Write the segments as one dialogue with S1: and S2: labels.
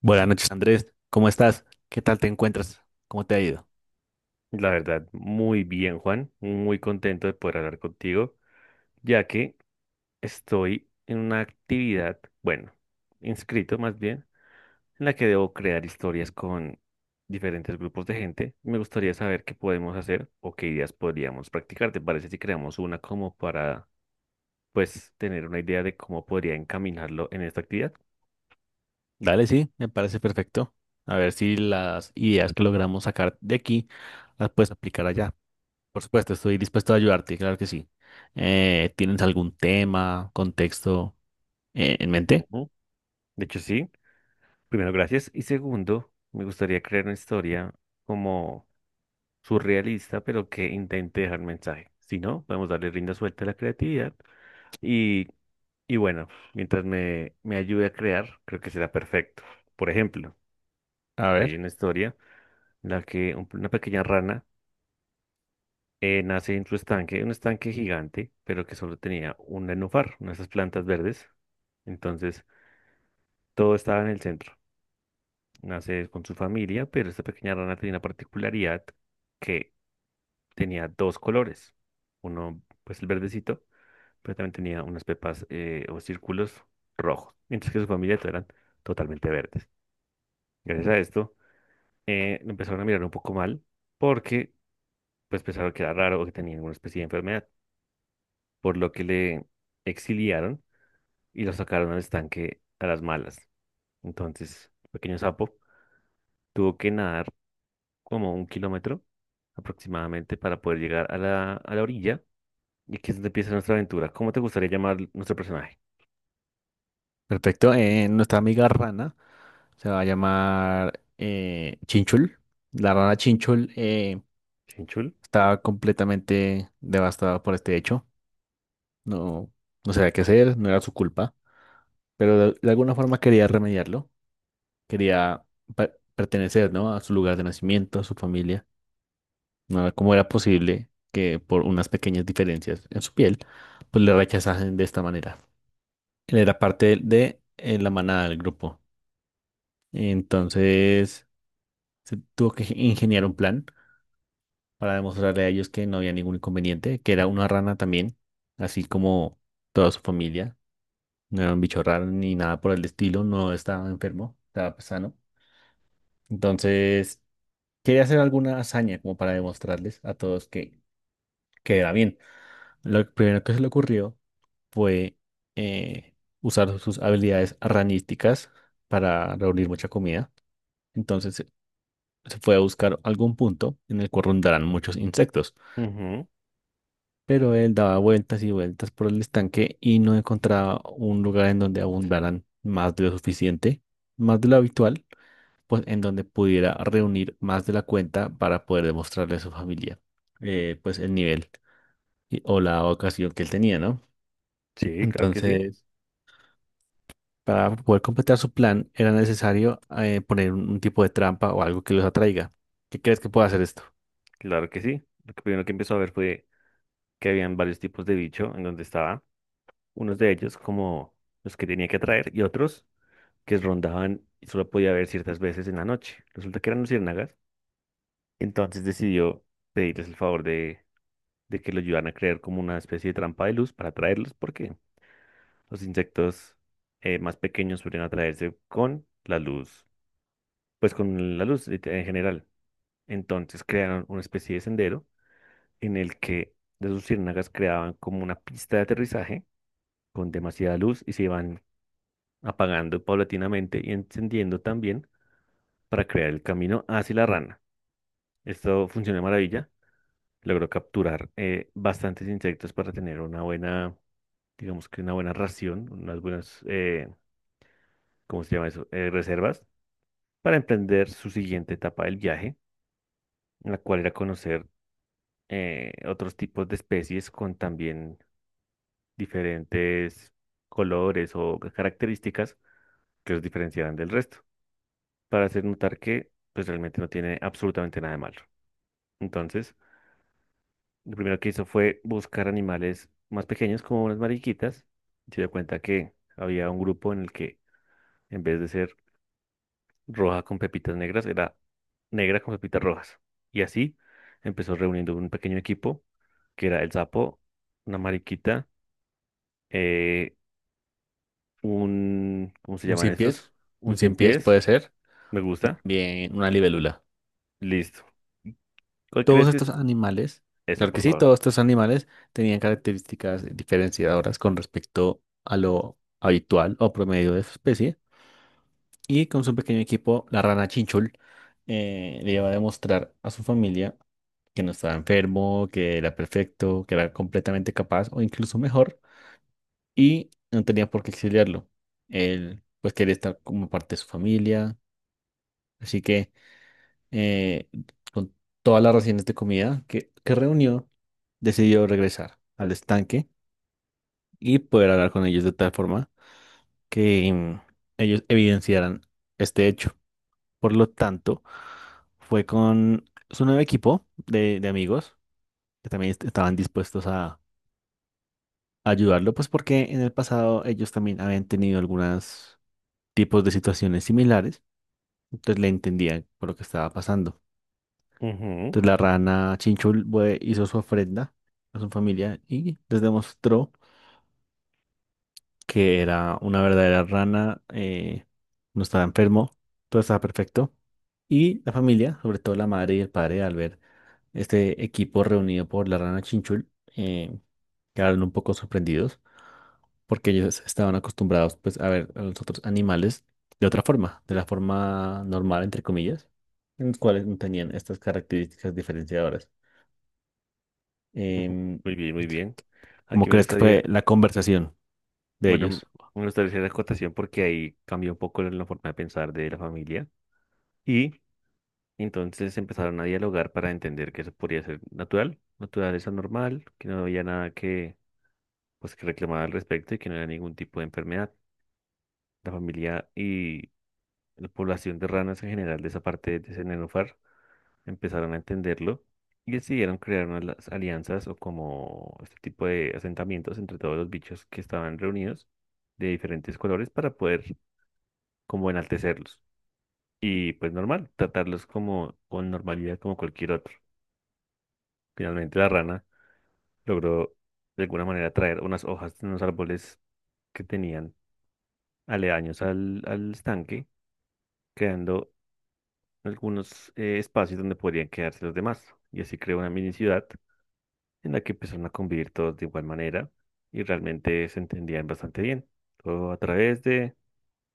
S1: Buenas noches, Andrés. ¿Cómo estás? ¿Qué tal te encuentras? ¿Cómo te ha ido?
S2: La verdad, muy bien, Juan. Muy contento de poder hablar contigo, ya que estoy en una actividad, bueno, inscrito más bien, en la que debo crear historias con diferentes grupos de gente. Me gustaría saber qué podemos hacer o qué ideas podríamos practicar. ¿Te parece si creamos una como para pues tener una idea de cómo podría encaminarlo en esta actividad?
S1: Dale, sí, me parece perfecto. A ver si las ideas que logramos sacar de aquí las puedes aplicar allá. Por supuesto, estoy dispuesto a ayudarte, claro que sí. ¿Tienes algún tema, contexto en mente?
S2: Ujú. De hecho, sí. Primero, gracias. Y segundo, me gustaría crear una historia como surrealista, pero que intente dejar mensaje. Si no, podemos darle rienda suelta a la creatividad. Y, y bueno, mientras me ayude a crear, creo que será perfecto. Por ejemplo,
S1: A
S2: hay
S1: ver,
S2: una historia en la que una pequeña rana nace en su estanque, un estanque gigante, pero que solo tenía un nenúfar, una de esas plantas verdes. Entonces, todo estaba en el centro. Nace con su familia, pero esta pequeña rana tenía una particularidad que tenía dos colores. Uno, pues el verdecito, pero también tenía unas pepas o círculos rojos, mientras que su familia todos eran totalmente verdes. Gracias a esto, lo empezaron a mirar un poco mal porque pues pensaron que era raro o que tenía alguna especie de enfermedad, por lo que le exiliaron y lo sacaron al estanque a las malas. Entonces, el pequeño sapo tuvo que nadar como un kilómetro aproximadamente para poder llegar a la orilla y aquí es donde empieza nuestra aventura. ¿Cómo te gustaría llamar nuestro personaje?
S1: perfecto. Nuestra amiga Rana se va a llamar Chinchul. La rana Chinchul
S2: ¿Chinchul?
S1: está completamente devastada por este hecho. No, no sabía qué hacer, no era su culpa, pero de alguna forma quería remediarlo, quería pertenecer, ¿no? A su lugar de nacimiento, a su familia. No era- ¿Cómo era posible que por unas pequeñas diferencias en su piel pues le rechazasen de esta manera? Él era parte de la manada del grupo. Entonces se tuvo que ingeniar un plan para demostrarle a ellos que no había ningún inconveniente, que era una rana también, así como toda su familia, no era un bicho raro ni nada por el estilo, no estaba enfermo, estaba, pues, sano. Entonces, quería hacer alguna hazaña como para demostrarles a todos que era bien. Lo primero que se le ocurrió fue eh, usar sus habilidades ranísticas para reunir mucha comida. Entonces, se fue a buscar algún punto en el cual rondaran muchos insectos.
S2: Ujú.
S1: Pero él daba vueltas y vueltas por el estanque y no encontraba un lugar en donde abundaran más de lo suficiente, más de lo habitual, pues en donde pudiera reunir más de la cuenta para poder demostrarle a su familia, pues el nivel o la ocasión que él tenía, ¿no?
S2: Sí, claro que sí,
S1: Entonces, para poder completar su plan, era necesario, poner un tipo de trampa o algo que los atraiga. ¿Qué crees que puede hacer esto?
S2: claro que sí. Lo que primero que empezó a ver fue que habían varios tipos de bicho en donde estaba. Unos de ellos como los que tenía que atraer y otros que rondaban y solo podía ver ciertas veces en la noche. Resulta que eran luciérnagas, entonces decidió pedirles el favor de que lo ayudaran a crear como una especie de trampa de luz para atraerlos porque los insectos más pequeños suelen atraerse con la luz, pues con la luz en general. Entonces crearon una especie de sendero en el que las luciérnagas creaban como una pista de aterrizaje con demasiada luz y se iban apagando paulatinamente y encendiendo también para crear el camino hacia la rana. Esto funcionó de maravilla. Logró capturar bastantes insectos para tener una buena, digamos que una buena ración, unas buenas, ¿cómo se llama eso? Reservas para emprender su siguiente etapa del viaje, en la cual era conocer otros tipos de especies con también diferentes colores o características que los diferenciaran del resto, para hacer notar que pues realmente no tiene absolutamente nada de malo. Entonces, lo primero que hizo fue buscar animales más pequeños como unas mariquitas. Y se dio cuenta que había un grupo en el que en vez de ser roja con pepitas negras, era negra con pepitas rojas. Y así empezó reuniendo un pequeño equipo que era el sapo, una mariquita, eh, un, ¿cómo se
S1: ¿Un
S2: llaman
S1: cien
S2: estos?
S1: pies?
S2: Un
S1: Un
S2: cien
S1: cien pies
S2: pies,
S1: puede ser,
S2: me
S1: y
S2: gusta,
S1: también una libélula.
S2: listo. ¿Cuál
S1: Todos
S2: crees que
S1: estos
S2: es?
S1: animales,
S2: Eso,
S1: claro que
S2: por
S1: sí,
S2: favor.
S1: todos estos animales tenían características diferenciadoras con respecto a lo habitual o promedio de su especie. Y con su pequeño equipo, la rana Chinchul, le iba a demostrar a su familia que no estaba enfermo, que era perfecto, que era completamente capaz o incluso mejor, y no tenía por qué exiliarlo. Él, pues, quería estar como parte de su familia, así que, eh, con todas las raciones de comida que reunió, decidió regresar al estanque y poder hablar con ellos de tal forma que ellos evidenciaran este hecho. Por lo tanto, fue con su nuevo equipo de amigos que también estaban dispuestos a ayudarlo, pues porque en el pasado ellos también habían tenido algunos tipos de situaciones similares, entonces le entendían por lo que estaba pasando.
S2: Ujú.
S1: Entonces la rana Chinchul hizo su ofrenda a su familia y les demostró que era una verdadera rana, no estaba enfermo, todo estaba perfecto. Y la familia, sobre todo la madre y el padre, al ver este equipo reunido por la rana Chinchul, eh, quedaron un poco sorprendidos porque ellos estaban acostumbrados, pues, a ver a los otros animales de otra forma, de la forma normal, entre comillas, en los cuales no tenían estas características diferenciadoras.
S2: Ujú.
S1: Em,
S2: Muy bien, muy bien. Aquí
S1: ¿Cómo
S2: me
S1: crees que
S2: gustaría.
S1: fue la conversación de
S2: Bueno,
S1: ellos?
S2: me gustaría hacer la acotación porque ahí cambió un poco la forma de pensar de la familia y entonces empezaron a dialogar para entender que eso podría ser natural, naturaleza normal, que no había nada que, pues, que reclamar al respecto y que no era ningún tipo de enfermedad. La familia y la población de ranas en general de esa parte de ese nenúfar empezaron a entenderlo y decidieron crear unas las alianzas o como este tipo de asentamientos entre todos los bichos que estaban reunidos de diferentes colores para poder como enaltecerlos. Y pues normal, tratarlos como con normalidad como cualquier otro. Finalmente la rana logró de alguna manera traer unas hojas de unos árboles que tenían aledaños al estanque, creando algunos espacios donde podrían quedarse los demás. Y así creó una mini ciudad en la que empezaron a convivir todos de igual manera y realmente se entendían bastante bien. Todo a través de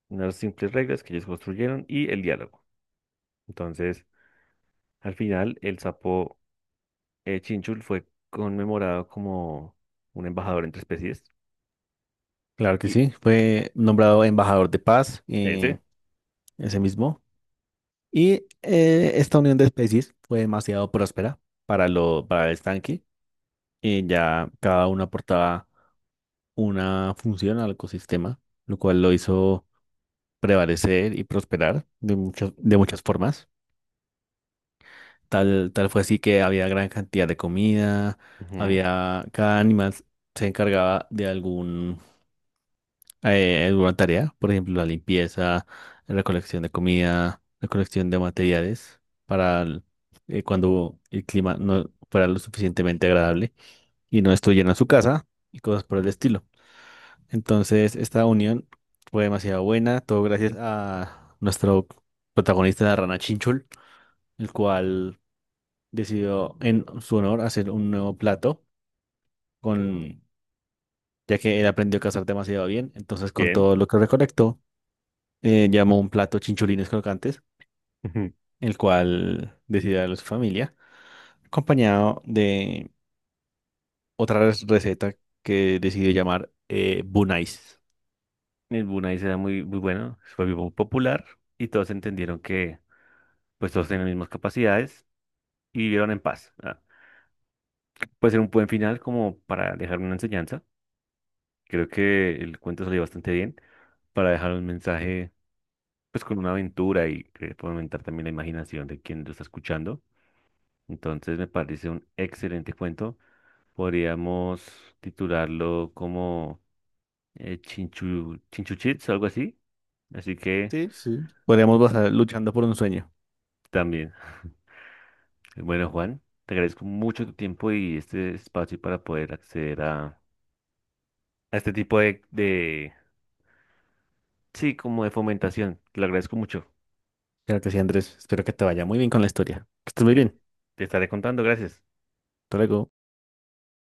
S2: unas simples reglas que ellos construyeron y el diálogo. Entonces, al final, el sapo Chinchul fue conmemorado como un embajador entre especies.
S1: Claro que
S2: Y
S1: sí, fue nombrado embajador de paz,
S2: ese,
S1: ese mismo. Y, esta unión de especies fue demasiado próspera para, lo, para el estanque, ya cada uno aportaba una función al ecosistema, lo cual lo hizo prevalecer y prosperar de muchas formas. Tal fue así que había gran cantidad de comida,
S2: ujú,
S1: había, cada animal se encargaba de algún, alguna tarea, por ejemplo, la limpieza, la recolección de comida, la recolección de materiales para el cuando el clima no fuera lo suficientemente agradable y no estuvieran en su casa y cosas por el estilo. Entonces, esta unión fue demasiado buena, todo gracias a nuestro protagonista, la rana Chinchul, el cual decidió en su honor hacer un nuevo plato, con, ya que él aprendió a cazar demasiado bien. Entonces, con
S2: bien.
S1: todo lo que recolectó, llamó un plato chinchulines crocantes,
S2: Ujú.
S1: el cual decidió darle a su familia, acompañado de otra receta que decidió llamar Bunais.
S2: El Brunei era muy, muy bueno, fue muy popular y todos entendieron que pues todos tenían las mismas capacidades y vivieron en paz. Ah, puede ser un buen final como para dejar una enseñanza. Creo que el cuento salió bastante bien para dejar un mensaje pues con una aventura y que fomentar también la imaginación de quien lo está escuchando. Entonces me parece un excelente cuento. Podríamos titularlo como Chinchu, Chinchuchits algo así. Así que
S1: Sí, sí, podríamos basar luchando por un sueño.
S2: también. Bueno, Juan, te agradezco mucho tu tiempo y este espacio para poder acceder a este tipo de, sí, como de fomentación. Te lo agradezco mucho.
S1: Claro que sí, Andrés. Espero que te vaya muy bien con la historia. Que estés muy
S2: Te,
S1: bien.
S2: te estaré contando, gracias.
S1: Hasta luego.